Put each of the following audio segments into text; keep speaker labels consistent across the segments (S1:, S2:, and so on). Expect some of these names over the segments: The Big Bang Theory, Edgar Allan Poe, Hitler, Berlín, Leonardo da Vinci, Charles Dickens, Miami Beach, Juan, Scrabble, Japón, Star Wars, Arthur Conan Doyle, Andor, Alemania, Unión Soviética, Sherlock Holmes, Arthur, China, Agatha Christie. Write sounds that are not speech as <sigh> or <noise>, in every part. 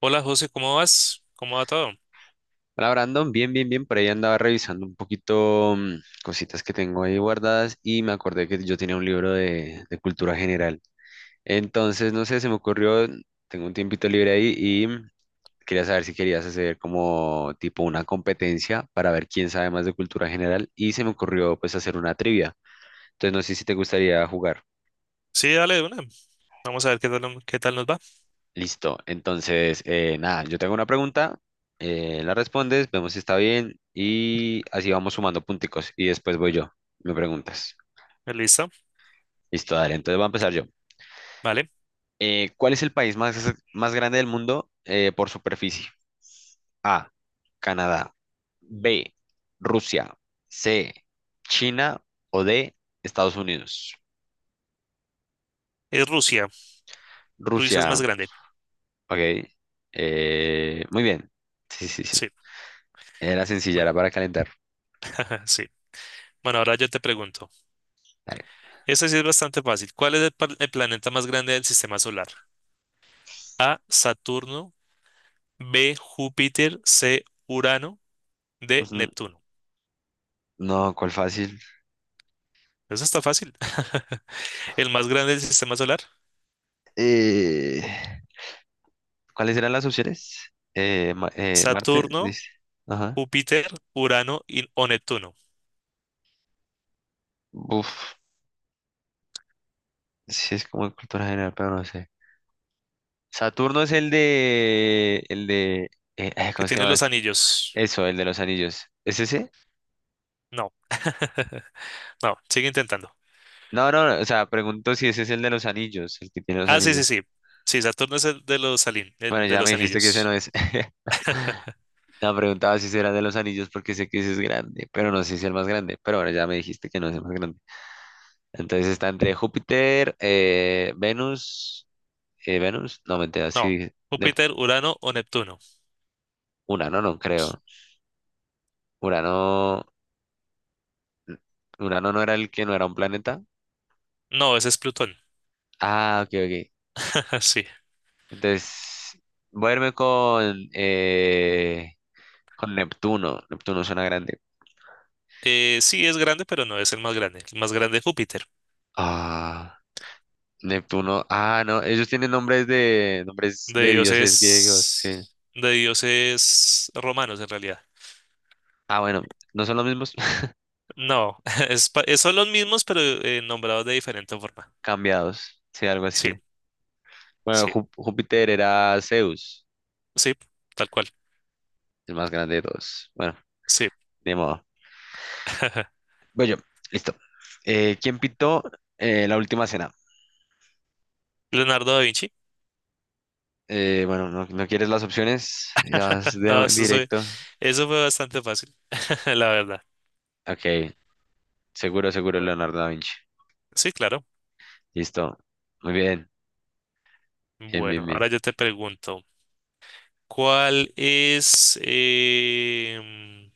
S1: Hola José, ¿cómo vas? ¿Cómo va todo?
S2: Hola Brandon, bien, bien, bien. Por ahí andaba revisando un poquito cositas que tengo ahí guardadas y me acordé que yo tenía un libro de cultura general. Entonces, no sé, se me ocurrió, tengo un tiempito libre ahí y quería saber si querías hacer como tipo una competencia para ver quién sabe más de cultura general y se me ocurrió pues hacer una trivia. Entonces, no sé si te gustaría jugar.
S1: Sí, dale de una. Vamos a ver qué tal, qué tal nos va.
S2: Listo. Entonces, nada, yo tengo una pregunta, la respondes, vemos si está bien y así vamos sumando punticos y después voy yo, me preguntas.
S1: ¿Listo?
S2: Listo, dale. Entonces voy a empezar yo.
S1: Vale.
S2: ¿Cuál es el país más grande del mundo por superficie? A, Canadá. B, Rusia. C, China o D, Estados Unidos.
S1: Es Rusia. Rusia es más
S2: Rusia,
S1: grande.
S2: ok. Muy bien. Sí, sí, sí.
S1: Sí.
S2: Era sencilla,
S1: Bueno,
S2: era para calentar.
S1: <laughs> ajá, sí. Bueno, ahora yo te pregunto.
S2: Dale.
S1: Esta sí es bastante fácil. ¿Cuál es el planeta más grande del sistema solar? A. Saturno. B. Júpiter. C. Urano. D.
S2: Ujú.
S1: Neptuno.
S2: No, ¿cuál fácil?
S1: Eso está fácil. <laughs> El más grande del sistema solar.
S2: Eh, ¿Cuáles eran las opciones? Marte,
S1: Saturno,
S2: dice. Ajá.
S1: Júpiter, Urano y, o Neptuno.
S2: Uf, sí es como de cultura general, pero no sé. Saturno es el de, ay,
S1: Que
S2: ¿cómo es que se
S1: tiene
S2: llama
S1: los
S2: esto?
S1: anillos.
S2: Eso, el de los anillos. ¿Es ese?
S1: No. <laughs> No, sigue intentando.
S2: No, no, no, o sea, pregunto si ese es el de los anillos, el que tiene los
S1: Ah, sí, sí,
S2: anillos.
S1: sí. Sí, Saturno es el de
S2: Bueno,
S1: el de
S2: ya me
S1: los
S2: dijiste que ese no
S1: anillos.
S2: es. <laughs>
S1: <laughs>
S2: No, preguntaba si ese era el de los anillos porque sé que ese es grande, pero no sé si es el más grande. Pero bueno, ya me dijiste que no es el más grande. Entonces está entre Júpiter, Venus, Venus, no mentira,
S1: No,
S2: sí, Nep-
S1: Júpiter, Urano o Neptuno.
S2: Urano no creo. Urano, Urano no era el que no era un planeta.
S1: No, ese es Plutón.
S2: Ah, ok, ok.
S1: <laughs> Sí.
S2: Entonces voy a irme con Neptuno. Neptuno suena grande.
S1: Sí, es grande, pero no es el más grande. El más grande es Júpiter.
S2: Ah, Neptuno. Ah, no, ellos tienen nombres de nombres
S1: De
S2: de dioses griegos, sí.
S1: dioses, de dioses romanos, en realidad.
S2: Ah, bueno, no son los mismos. <laughs>
S1: No, <laughs> son los mismos, pero nombrados de diferente forma.
S2: Cambiados, sí, algo
S1: Sí,
S2: así. Bueno,
S1: sí,
S2: Júpiter era Zeus.
S1: sí, tal cual.
S2: El más grande de todos. Bueno,
S1: Sí.
S2: de modo.
S1: <laughs>
S2: Voy yo. Listo. ¿Quién pintó la última cena?
S1: Leonardo da Vinci.
S2: Bueno, no, no quieres las opciones. Ya vas
S1: <laughs> No,
S2: directo.
S1: eso fue bastante fácil, <laughs> la verdad.
S2: Ok. Seguro, seguro,
S1: Bueno,
S2: Leonardo da Vinci.
S1: sí, claro.
S2: Listo. Muy bien. Bien,
S1: Bueno,
S2: bien,
S1: ahora
S2: bien.
S1: yo te pregunto, ¿cuál es, em,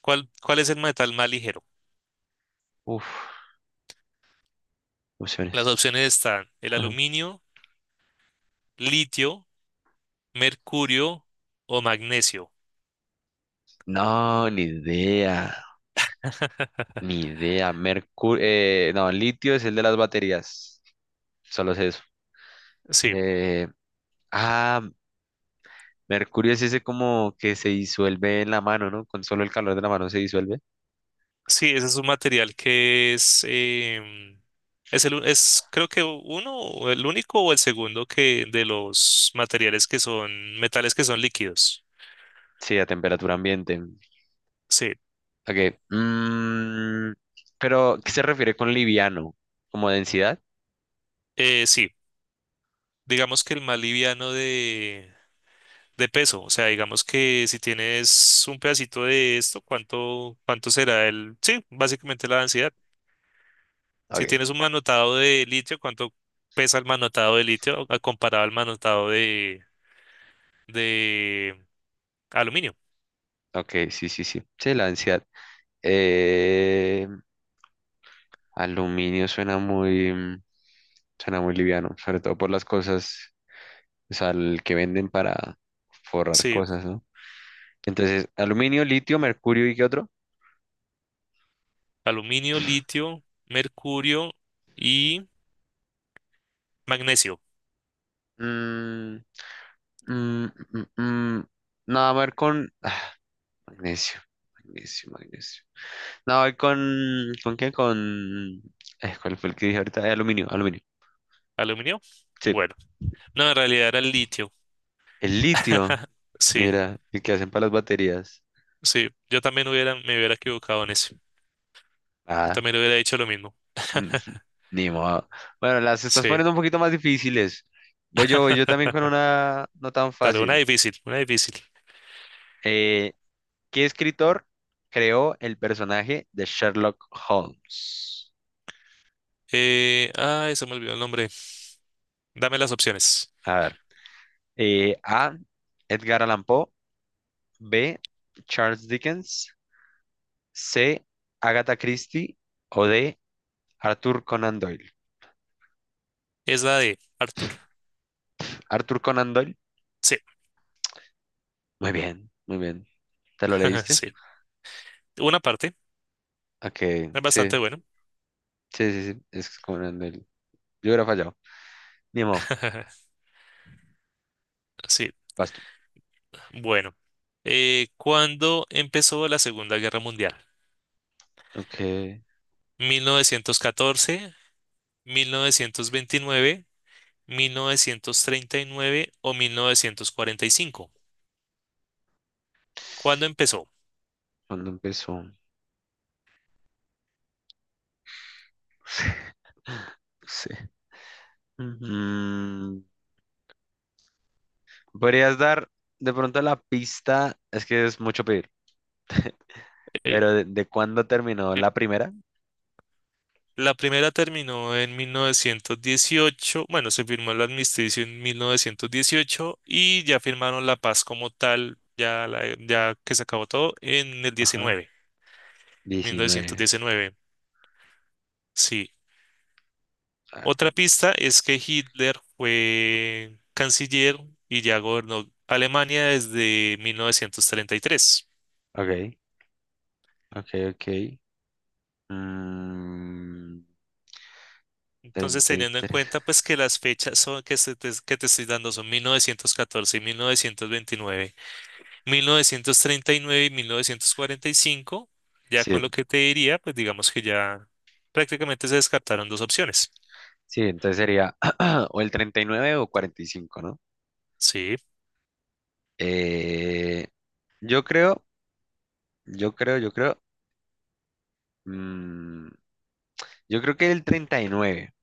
S1: cuál es el metal más ligero?
S2: Uf,
S1: Las
S2: opciones.
S1: opciones están el
S2: <laughs>
S1: aluminio, litio, mercurio o magnesio.
S2: No, ni idea. Ni idea. Mercurio. No, litio es el de las baterías. Solo sé eso.
S1: Sí,
S2: Eh, ah, Mercurio es ese como que se disuelve en la mano, ¿no? Con solo el calor de la mano se disuelve.
S1: sí, ese es un material que es, es el, es creo que uno, o el único o el segundo que de los materiales que son metales que son líquidos.
S2: Sí, a temperatura ambiente.
S1: Sí,
S2: Ok. mm, pero, ¿qué se refiere con liviano? ¿Como densidad?
S1: sí, digamos que el más liviano de peso. O sea, digamos que si tienes un pedacito de esto, ¿ cuánto será el? Sí, básicamente la densidad. Si
S2: Ok.
S1: tienes un manotado de litio, ¿cuánto pesa el manotado de litio comparado al manotado de aluminio?
S2: Ok, sí, sí, sí. Sí, la densidad. Eh, Aluminio suena muy liviano, sobre todo por las cosas, o sea, el que venden para forrar
S1: Sí,
S2: cosas, ¿no? Entonces, aluminio, litio, mercurio y ¿qué otro?
S1: aluminio, litio, mercurio y magnesio.
S2: Mm, Mm, mm, mm. No, a ver con <sighs> magnesio, magnesio, magnesio. No, voy ¿con qué? Con ¿cuál fue el que dije ahorita? Aluminio, aluminio.
S1: ¿Aluminio?
S2: Sí.
S1: Bueno, no, en realidad era el litio.
S2: El litio,
S1: <laughs> Sí,
S2: mira, el que hacen para las baterías.
S1: sí, yo también hubiera, me hubiera equivocado en eso. Yo
S2: Ah,
S1: también hubiera dicho lo mismo.
S2: mm, <laughs>
S1: <laughs>
S2: ni modo. Bueno, las estás
S1: Sí.
S2: poniendo un poquito más difíciles. Voy yo también con una no tan
S1: Dale, una
S2: fácil.
S1: difícil, una difícil.
S2: Eh, ¿Qué escritor creó el personaje de Sherlock Holmes?
S1: Ay, se me olvidó el nombre. Dame las opciones.
S2: A ver. A. Edgar Allan Poe. B. Charles Dickens. C. Agatha Christie. O D. Arthur Conan Doyle.
S1: Es la de Arthur.
S2: Arthur Conan Doyle.
S1: Sí,
S2: Muy bien, muy bien. ¿Te lo
S1: <laughs>
S2: leíste?
S1: sí. Una parte.
S2: Ok,
S1: Es bastante
S2: sí,
S1: bueno.
S2: sí, sí, sí. Es Conan Doyle. Yo hubiera fallado. Ni modo,
S1: <laughs> Sí,
S2: vas tú.
S1: bueno. ¿Cuándo empezó la Segunda Guerra Mundial?
S2: Ok,
S1: ¿1914, 1929, 1939 o 1945? ¿Cuándo empezó?
S2: ¿cuándo empezó? <laughs> Sí. Mm, ¿Podrías dar de pronto la pista? Es que es mucho pedir,
S1: Eh,
S2: pero ¿de cuándo terminó la primera?
S1: La primera terminó en 1918, bueno, se firmó el armisticio en 1918 y ya firmaron la paz como tal, ya, ya que se acabó todo, en el
S2: Ajá.
S1: 19,
S2: 19,
S1: 1919, sí.
S2: a ver,
S1: Otra pista es que Hitler fue canciller y ya gobernó Alemania desde 1933.
S2: ok, ok, ok. Mm,
S1: Entonces, teniendo en
S2: 33.
S1: cuenta pues que las fechas son, que te estoy dando son 1914 y 1929. Mil novecientos treinta y nueve y 1945 ya
S2: Sí,
S1: con lo que te diría, pues digamos que ya prácticamente se descartaron dos opciones.
S2: sí, entonces sería <clears throat> o el 39 o 45, ¿no?
S1: Sí,
S2: Eh, yo creo, yo creo, yo creo. mm, yo creo que el 39.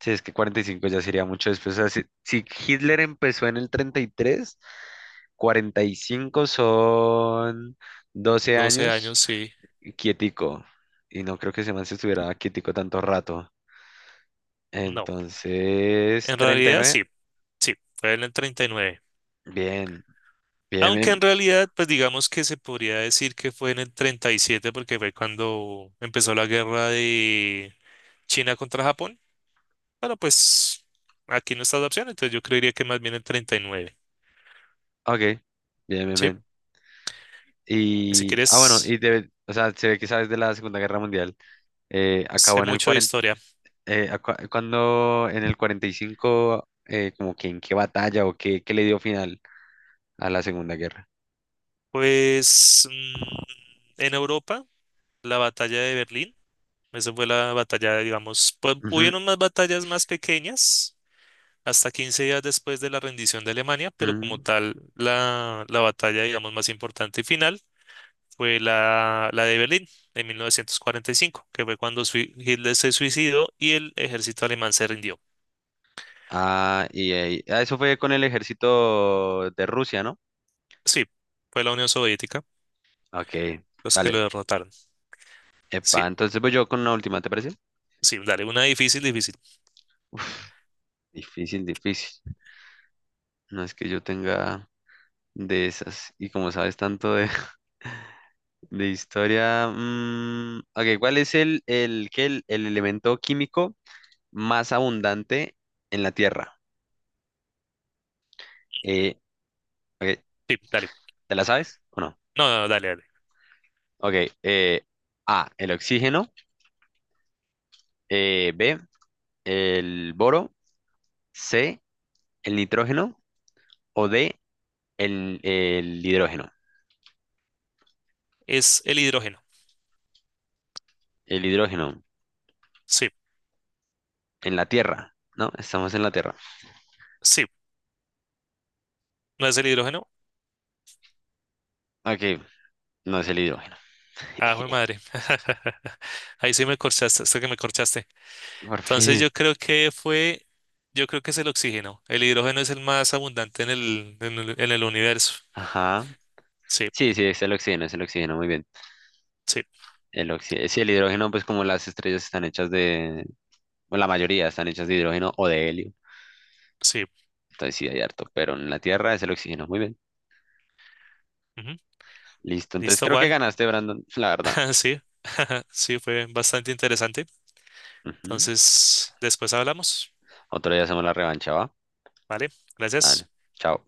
S2: Sí, es que 45 ya sería mucho después. O sea, si Hitler empezó en el 33, 45 son doce
S1: doce
S2: años.
S1: años, sí,
S2: Quietico. Y no creo que ese man se estuviera quietico tanto rato.
S1: no.
S2: Entonces,
S1: En
S2: treinta y
S1: realidad,
S2: nueve
S1: sí, sí, fue en el 39.
S2: Bien, bien,
S1: Aunque
S2: bien.
S1: en realidad, pues digamos que se podría decir que fue en el 37 porque fue cuando empezó la guerra de China contra Japón. Bueno, pues aquí no está la opción, entonces yo creería que más bien el 39.
S2: Ok, bien, bien,
S1: Sí,
S2: bien.
S1: si
S2: Y, ah, bueno,
S1: quieres,
S2: o sea, se ve que sabes de la Segunda Guerra Mundial. Acabó
S1: sé
S2: en el
S1: mucho de
S2: 40,
S1: historia.
S2: cuando en el 45 como que en qué batalla o qué le dio final a la Segunda Guerra.
S1: Pues en Europa, la batalla de Berlín, esa fue la batalla, digamos, pues
S2: Ujú,
S1: hubieron más batallas más pequeñas hasta 15 días después de la rendición de Alemania, pero como
S2: ujú.
S1: tal, la batalla, digamos, más importante y final fue la de Berlín en 1945, que fue cuando Hitler se suicidó y el ejército alemán se rindió.
S2: Ah, eso fue con el ejército de Rusia, ¿no?
S1: Sí, fue la Unión Soviética
S2: Ok,
S1: los que lo
S2: dale.
S1: derrotaron. Sí,
S2: Epa, entonces voy yo con la última, ¿te parece?
S1: sí, dale, una difícil, difícil.
S2: Uf, difícil, difícil. No es que yo tenga de esas. Y como sabes tanto de, <laughs> de historia. Ok, ¿cuál es el elemento químico más abundante en la Tierra? Eh, ok,
S1: Sí, dale.
S2: ¿te la sabes o no?
S1: No, no, no, dale, dale.
S2: Ok, eh, A, el oxígeno. B, el boro. C, el nitrógeno. O D, el hidrógeno.
S1: Es el hidrógeno.
S2: El hidrógeno
S1: Sí,
S2: en la Tierra, ¿no? Estamos en la Tierra.
S1: sí, no es el hidrógeno.
S2: Ok, no es el hidrógeno.
S1: Ajo de madre. <laughs> Ahí sí me corchaste, hasta que me corchaste.
S2: Por
S1: Entonces
S2: fin.
S1: yo creo que es el oxígeno. El hidrógeno es el más abundante en el universo.
S2: Ajá.
S1: Sí,
S2: Sí, sí, es el oxígeno, muy bien.
S1: sí,
S2: Sí, el hidrógeno, pues como las estrellas están hechas de, bueno, la mayoría están hechas de hidrógeno o de helio.
S1: sí.
S2: Entonces sí, hay harto, pero en la Tierra es el oxígeno, muy bien.
S1: Ujú.
S2: Listo, entonces
S1: Listo,
S2: creo que
S1: Juan.
S2: ganaste, Brandon, la verdad.
S1: <laughs> Sí, <laughs> sí, fue bastante interesante.
S2: Ujú.
S1: Entonces, después hablamos.
S2: Otro día hacemos la revancha, ¿va?
S1: Vale,
S2: Dale,
S1: gracias.
S2: chao.